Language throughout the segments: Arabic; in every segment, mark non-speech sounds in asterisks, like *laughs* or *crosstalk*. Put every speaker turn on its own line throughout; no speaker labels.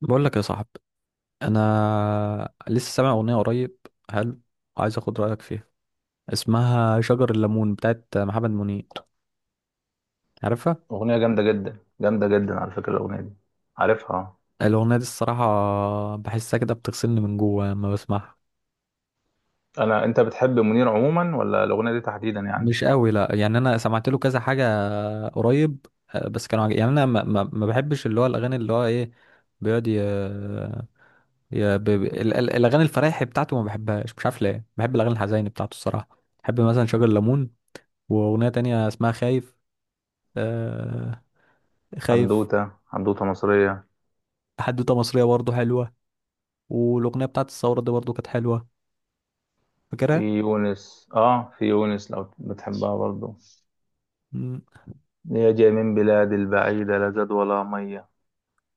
بقول لك يا صاحبي، انا لسه سامع اغنيه قريب. حلو. عايز اخد رايك فيها. اسمها شجر الليمون بتاعت محمد منير. عارفها؟
أغنية جامدة جدا جامدة جدا، على فكرة الأغنية دي، عارفها آه.
الاغنيه دي الصراحه بحسها كده بتغسلني من جوه لما بسمعها.
أنت بتحب منير عموما، ولا الأغنية دي تحديدا يعني؟
مش قوي، لا يعني انا سمعت له كذا حاجه قريب. آه، بس كانوا عجب. يعني انا ما بحبش اللي هو الاغاني اللي هو ايه. بيقعد ي... ي... ب... ب- ال- ال- الاغاني الفرايح بتاعته ما بحبهاش، مش عارف ليه، بحب الاغاني الحزينه بتاعته. الصراحه بحب مثلا شجر الليمون، واغنيه تانية اسمها خايف. آه، خايف.
حدوتة مصرية.
حدوتة مصرية برضو حلوة، والأغنية بتاعت الثورة دي برضو كانت حلوة. فاكرها؟
في يونس لو بتحبها برضو.
مم.
يا جاي من بلاد البعيدة، لا زاد ولا مية.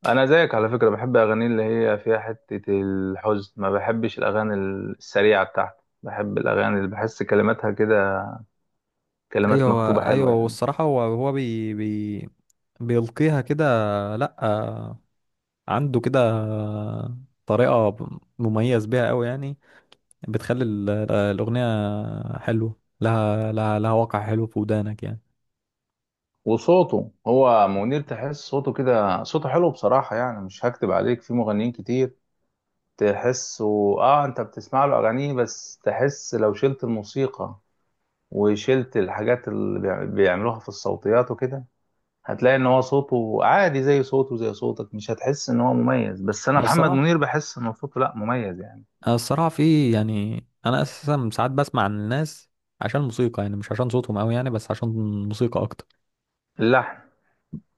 أنا زيك على فكرة، بحب أغاني اللي هي فيها حتة الحزن، ما بحبش الأغاني السريعة، بتاعتي بحب الأغاني اللي بحس كلماتها كده، كلمات مكتوبة
أيوة أيوة،
حلوة يعني.
والصراحة هو بي بي بيلقيها كده. لأ، آه، عنده كده طريقة مميز بيها أوي يعني. بتخلي الأغنية حلوة، لها واقع حلو في ودانك يعني.
وصوته، هو منير تحس صوته كده، صوته حلو بصراحة يعني، مش هكتب عليك في مغنيين كتير تحسه. اه، انت بتسمع له اغانيه بس تحس لو شلت الموسيقى وشلت الحاجات اللي بيعملوها في الصوتيات وكده، هتلاقي ان هو صوته عادي زي صوته زي صوتك، مش هتحس ان هو مميز، بس انا
أنا
محمد
الصراحة
منير بحس ان صوته لا مميز يعني.
أنا الصراحة في يعني أنا أساسا ساعات بسمع عن الناس عشان الموسيقى، يعني مش عشان صوتهم أوي يعني، بس عشان الموسيقى أكتر.
اللحن.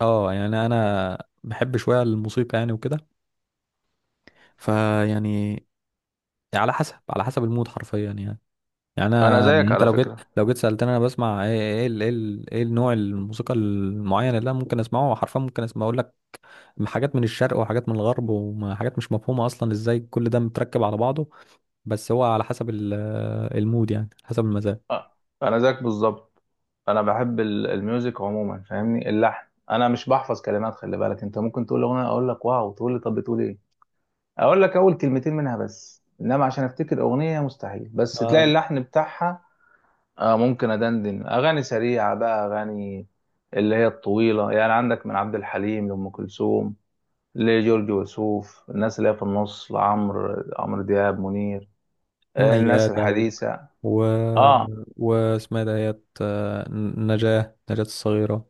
اه، يعني انا بحب شويه الموسيقى يعني وكده. فيعني على حسب، على حسب المود حرفيا يعني. يعني
انا
انا يعني
زيك
انت
على
لو جيت،
فكرة
سالتني انا بسمع ايه، ايه النوع الموسيقى المعين اللي انا ممكن اسمعه حرفيا، ممكن اسمع اقول لك حاجات من الشرق وحاجات من الغرب وحاجات مش مفهومه اصلا ازاي كل ده متركب على بعضه. بس هو على حسب المود يعني، حسب المزاج.
آه، انا زيك بالظبط. انا بحب الميوزك عموما فاهمني، اللحن، انا مش بحفظ كلمات. خلي بالك انت ممكن تقول اغنيه اقول لك واو، تقول لي طب بتقول ايه، اقول لك اول كلمتين منها بس، انما عشان افتكر اغنيه مستحيل، بس تلاقي
آه،
اللحن بتاعها. آه، ممكن ادندن اغاني سريعه بقى، اغاني اللي هي الطويله يعني، عندك من عبد الحليم لام كلثوم، لجورج وسوف، الناس اللي هي في النص، لعمرو دياب، منير،
ام
آه، الناس
ميادة و
الحديثه.
و
اه،
واسمها إيه دهيت، آه، نجاة، نجاة الصغيرة.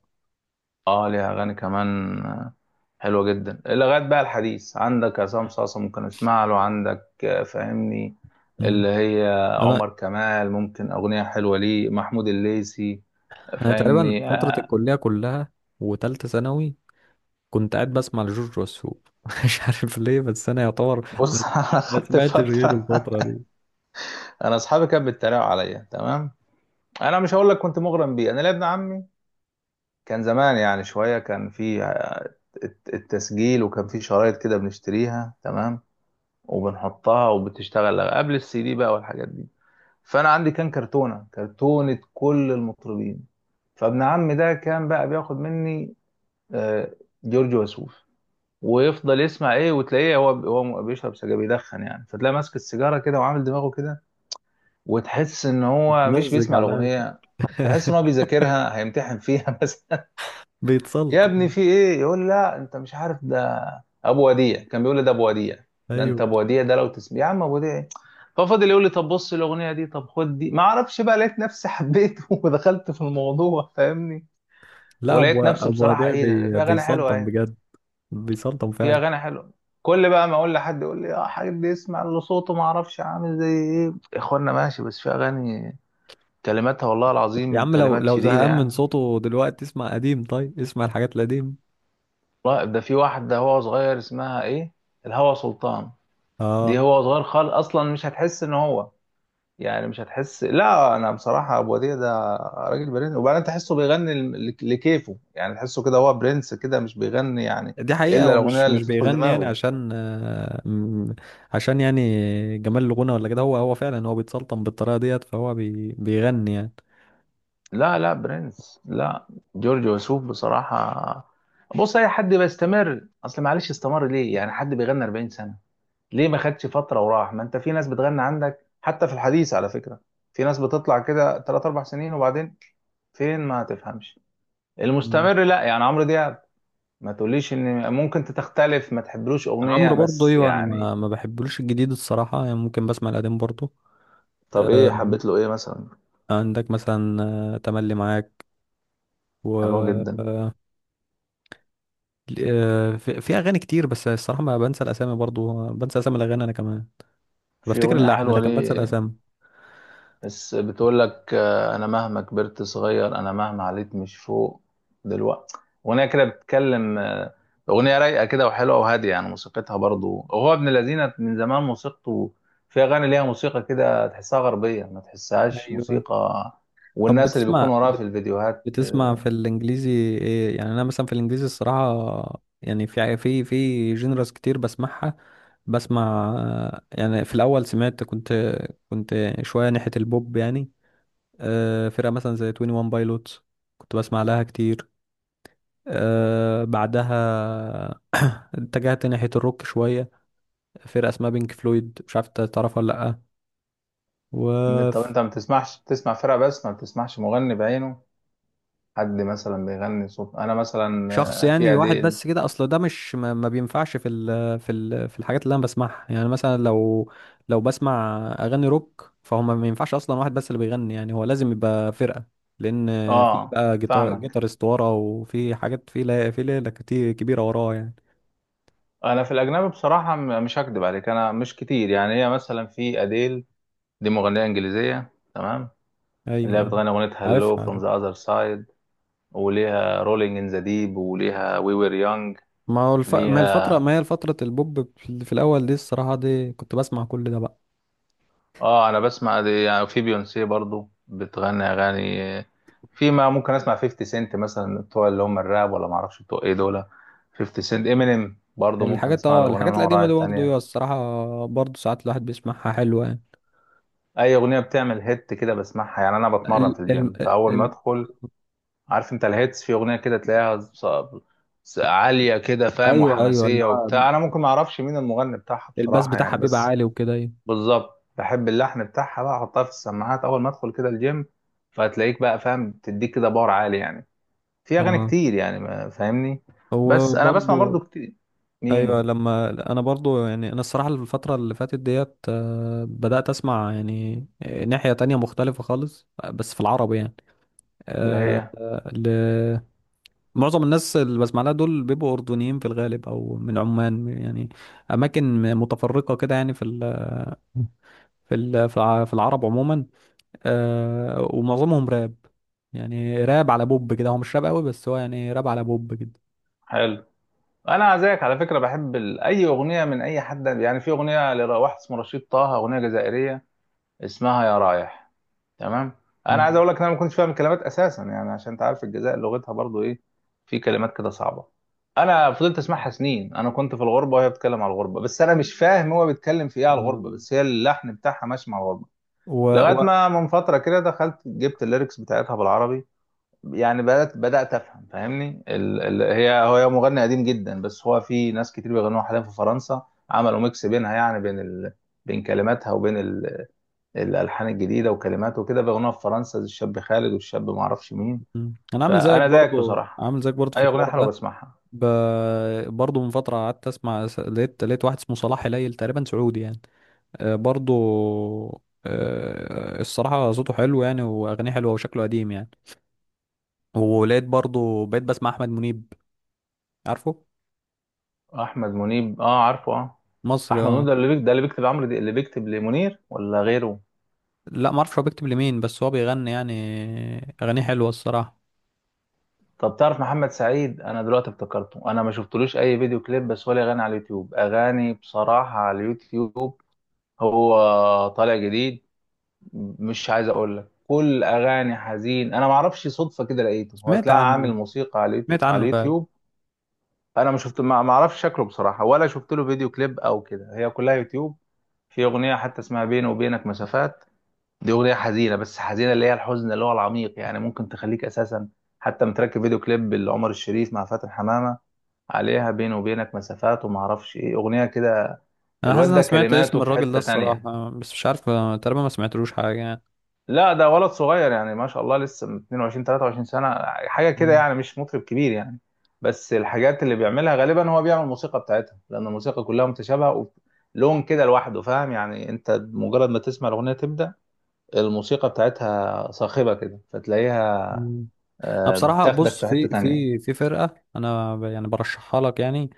اه، ليها اغاني كمان آه، حلوه جدا. لغايه بقى الحديث، عندك عصام صاصا ممكن اسمع له، عندك آه، فاهمني،
مم.
اللي هي
انا
عمر كمال، ممكن اغنيه حلوه ليه، محمود الليثي،
انا تقريبا
فاهمني
فترة
آه.
الكلية كلها وتالتة ثانوي كنت قاعد بسمع لجورج وسوف *laughs* مش عارف ليه، بس انا يعتبر
بص، *laughs*
ما
انا خدت
سمعتش غيره
فتره. *laughs*
الفترة دي.
انا، اصحابي كانوا بيتريقوا عليا تمام. انا مش هقول لك كنت مغرم بيه. انا ليا ابن عمي كان زمان يعني شويه، كان في التسجيل، وكان في شرايط كده بنشتريها تمام، وبنحطها وبتشتغل قبل السي دي بقى والحاجات دي. فانا عندي كان كرتونه كل المطربين. فابن عمي ده كان بقى بياخد مني آه، جورج وسوف، ويفضل يسمع ايه، وتلاقيه هو بيشرب سجاير بيدخن يعني، فتلاقيه ماسك السيجاره كده وعامل دماغه كده، وتحس ان هو مش
مزج
بيسمع
على الأقل.
الاغنيه. تحس ان هو
*laughs*
بيذاكرها هيمتحن فيها *laughs* بس. يا ابني
بيتسلطن.
في ايه؟ يقول لا انت مش عارف ده، ابو وديع، كان بيقول لي ده ابو وديع، ده انت
ايوه.
ابو وديع ده لو تسمع يا عم، ابو وديع ايه. ففضل يقول لي طب بص الاغنيه دي، طب خد دي، ما اعرفش بقى، لقيت نفسي حبيته *laughs* ودخلت في الموضوع فاهمني.
لا، ابو
ولقيت نفسي
ابو
بصراحه
وديع
ايه ده، في اغاني حلوه
بيسلطن
اهي،
بجد. بيسلطن
في
فعلا.
اغاني حلوه. كل بقى ما اقول لحد يقول لي اه، حد يسمع اللي صوته ما اعرفش عامل زي ايه، يا اخوانا ماشي، بس في اغاني كلماتها والله
يا
العظيم
عم، لو
كلمات
لو
شديده
زهقان من
يعني.
صوته دلوقتي اسمع قديم، طيب اسمع الحاجات القديمة.
والله ده في واحده هو صغير، اسمها ايه، الهوى سلطان. دي
اه،
هو صغير خالص اصلا، مش هتحس ان هو يعني، مش هتحس، لا. انا بصراحه ابو وديع ده راجل برنس، وبعدين تحسه بيغني لكيفه يعني، تحسه كده هو برنس كده، مش بيغني يعني
دي حقيقة،
الا
هو
الاغنيه
مش
اللي
مش
تدخل
بيغني يعني
دماغه.
عشان آه، عشان يعني جمال الغنى ولا كده. هو فعلا هو بيتسلطن بالطريقة ديت، فهو بيغني يعني.
لا، لا، برنس، لا. جورج وسوف بصراحه. بص اي حد بيستمر، اصل معلش، استمر ليه يعني؟ حد بيغني 40 سنه، ليه ما خدش فتره وراح؟ ما انت في ناس بتغني، عندك حتى في الحديث على فكره، في ناس بتطلع كده 3 4 سنين وبعدين فين، ما تفهمش.
مم.
المستمر لا يعني عمرو دياب، ما تقوليش ان ممكن تختلف ما تحبلوش اغنيه
عمرو برضه،
بس
ايوه، انا
يعني.
ما بحبلوش الجديد الصراحة يعني، ممكن بسمع القديم برضه.
طب ايه
آه،
حبيت له؟ ايه مثلا؟
عندك مثلا آه، تملي معاك، و
حلوة جدا.
آه، آه، في في اغاني كتير، بس الصراحة ما بنسى الاسامي برضه، بنسى اسامي الاغاني انا كمان.
في
بفتكر
اغنيه
اللحن
حلوه
لكن بنسى
ليه،
الاسامي.
بس بتقول لك آه، انا مهما كبرت صغير، انا مهما عليت مش فوق، دلوقتي. اغنيه كده بتتكلم آه، اغنيه رايقه كده وحلوه وهاديه يعني، موسيقتها برضو هو ابن الذين من زمان موسيقته، في اغاني ليها موسيقى كده تحسها غربيه، ما تحسهاش
ايوه.
موسيقى،
طب
والناس اللي بيكون وراها في الفيديوهات.
بتسمع في الانجليزي؟ ايه يعني انا مثلا في الانجليزي الصراحه يعني في جينرز كتير بسمعها. بسمع يعني في الاول سمعت، كنت شويه ناحيه البوب يعني. آه، فرقه مثلا زي 21 بايلوتس كنت بسمع لها كتير. آه، بعدها اتجهت ناحيه الروك شويه. فرقه اسمها بينك فلويد، مش عارف إنت تعرفها ولا لا.
طب انت ما بتسمعش، بتسمع فرقة بس ما بتسمعش مغني بعينه، حد مثلا بيغني صوت، انا مثلا
شخص
آه،
يعني
في
واحد
اديل.
بس كده، اصل ده مش ما بينفعش في ال في ال في الحاجات اللي انا بسمعها يعني. مثلا لو، لو بسمع اغاني روك، فهم ما ينفعش اصلا واحد بس اللي بيغني يعني، هو لازم يبقى فرقة. لان في
اه،
بقى جيتار،
فاهمك.
جيتارست وراه، وفي حاجات، في لا في ليلة كتير كبيرة وراه يعني.
انا في الاجنبي بصراحة مش هكدب عليك، انا مش كتير يعني، هي مثلا في اديل، دي مغنية انجليزية تمام، اللي
ايوه،
هي
أيوة.
بتغني اغنية هالو
عارف
فروم
عارف.
ذا اذر سايد، وليها رولينج ان ذا ديب، وليها وي وير يونج
ما هو
ليها.
الفترة، ما هي فترة البوب في في الاول دي، الصراحة دي كنت بسمع كل ده بقى.
اه، انا بسمع دي يعني. في بيونسي برضو بتغني اغاني، في ما ممكن اسمع 50 سنت مثلا، بتوع اللي هم الراب ولا ما اعرفش بتوع ايه دول. 50 سنت، امينيم برضو، ممكن
الحاجات،
اسمع له
اه،
اغنيه من
الحاجات
وراء
القديمة دي برضه،
التانية.
أيوه، الصراحة برضه ساعات الواحد بيسمعها حلوة يعني.
اي اغنيه بتعمل هيت كده بسمعها يعني، انا بتمرن
ال...
في
ال...
الجيم فاول ما
ال...
ادخل عارف انت الهيتس، في اغنيه كده تلاقيها عاليه كده فاهم،
ايوه ايوه،
وحماسيه
اللي هو
وبتاع. انا ممكن ما اعرفش مين المغني بتاعها
الباس
بصراحه
بتاعها
يعني،
بيبقى
بس
عالي وكده، ايوه.
بالظبط بحب اللحن بتاعها، بقى احطها في السماعات اول ما ادخل كده الجيم، فهتلاقيك بقى فاهم تديك كده باور عالي يعني، في اغاني
اه،
كتير يعني، ما فاهمني.
هو
بس انا بسمع برضو
برضو،
كتير.
ايوه.
مين؟
لما انا برضو يعني انا الصراحه الفتره اللي فاتت ديت آه، بدات اسمع يعني ناحيه تانية مختلفه خالص، بس في العربي يعني.
اللي
آه،
هي
آه، معظم الناس اللي بسمع لها دول بيبقوا اردنيين في الغالب او من عمان يعني، اماكن متفرقه كده يعني، في العرب عموما. آه، ومعظمهم راب يعني، راب على بوب كده، هو مش راب قوي، بس هو يعني راب على بوب كده.
حلو. انا زيك على فكره بحب اي اغنيه من اي حد يعني. في اغنيه لواحد اسمه رشيد طه، اغنيه جزائريه اسمها يا رايح، تمام. انا عايز
مم.
اقول لك ان انا ما كنتش فاهم الكلمات اساسا يعني، عشان انت عارف الجزائر لغتها برضو ايه، في كلمات كده صعبه. انا فضلت اسمعها سنين، انا كنت في الغربه وهي بتتكلم على الغربه، بس انا مش فاهم هو بيتكلم في ايه على
آه،
الغربه، بس هي اللحن بتاعها ماشي مع الغربه.
و... و...
لغايه ما من فتره كده دخلت جبت الليركس بتاعتها بالعربي، يعني بدات افهم فاهمني. هي، هو مغني قديم جدا، بس هو في ناس كتير بيغنوها حاليا في فرنسا، عملوا ميكس بينها، يعني بين بين كلماتها وبين الالحان الجديده وكلماته وكده، باغنيه في فرنسا زي الشاب خالد والشاب ما اعرفش مين.
مم. انا عامل زيك
فانا زيك
برضو،
بصراحه،
عامل زيك برضو في
اي اغنيه
الحوار
حلوه
ده.
بسمعها.
ب... برضو من فتره قعدت اسمع، لقيت، لقيت واحد اسمه صلاح هليل، تقريبا سعودي يعني. آه، برضو آه، الصراحه صوته حلو يعني، واغانيه حلوه وشكله قديم يعني. ولقيت برضو بقيت بسمع احمد منيب. عارفه؟
احمد منيب اه، عارفه اه.
مصري،
احمد منيب
اه.
ده اللي بيكتب، ده اللي بيكتب عمرو، دي اللي بيكتب لمنير ولا غيره؟
لا، ما اعرفش هو بيكتب لمين، بس هو بيغني يعني، اغانيه حلوه الصراحه.
طب تعرف محمد سعيد؟ انا دلوقتي افتكرته. انا ما شفتلوش اي فيديو كليب، بس هو ليه اغاني على اليوتيوب، اغاني بصراحه على اليوتيوب، هو طالع جديد. مش عايز اقول لك كل اغاني حزين، انا ما اعرفش صدفه كده لقيته، هو
سمعت
تلاقي عامل
عنه.
موسيقى على
سمعت
على
عنه فعلا.
اليوتيوب. انا ما شفت ما اعرفش شكله بصراحه، ولا شفت له فيديو كليب او كده، هي كلها يوتيوب. في اغنيه حتى اسمها بيني وبينك مسافات، دي اغنيه حزينه، بس حزينه اللي هي الحزن اللي هو العميق يعني، ممكن تخليك اساسا حتى متركب فيديو كليب لعمر الشريف مع فاتن حمامه، عليها بيني وبينك مسافات، وما اعرفش ايه اغنيه كده.
انا حاسس ان
الواد
انا
ده
سمعت
كلماته
اسم
في
الراجل ده
حته تانية.
الصراحه، بس مش عارف، آه، تقريبا ما سمعتلوش حاجه يعني.
لا، ده ولد صغير يعني ما شاء الله، لسه من 22 23 سنة حاجة كده
مم.
يعني، مش مطرب كبير يعني. بس الحاجات اللي بيعملها غالبا هو بيعمل الموسيقى بتاعتها، لأن الموسيقى كلها متشابهة ولون كده لوحده فاهم يعني، أنت مجرد ما تسمع الأغنية تبدأ الموسيقى بتاعتها صاخبة كده فتلاقيها
مم. انا
آه،
بصراحه
بتاخدك
بص،
في
في
حتة تانية.
في في فرقه انا يعني برشحها لك يعني.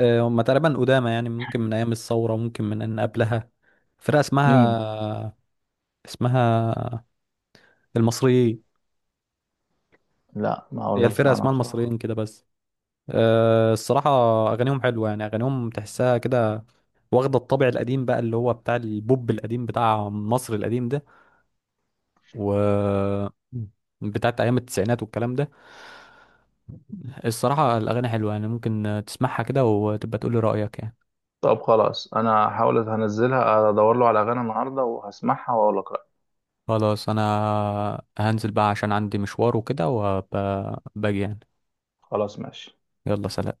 آه، هم تقريبا قدامى يعني، ممكن من ايام الثوره، ممكن من ان قبلها. فرقه
مين؟
اسمها، اسمها المصريين.
لا، ما أول
هي
مرة
الفرقه
أسمع عنها
اسمها
بصراحة.
المصريين كده بس. آه، الصراحه اغانيهم حلوه يعني، اغانيهم تحسها كده واخده الطابع القديم بقى، اللي هو بتاع البوب القديم بتاع مصر القديم ده، و بتاعت ايام التسعينات والكلام ده. الصراحه الاغاني حلوه يعني، ممكن تسمعها كده وتبقى تقول لي رايك يعني.
طب خلاص، أنا هحاول هنزلها، أدور له على أغاني النهاردة وهسمعها وأقول لك رأيي.
خلاص انا هنزل بقى عشان عندي مشوار وكده وباجي يعني.
خلاص ماشي.
يلا سلام.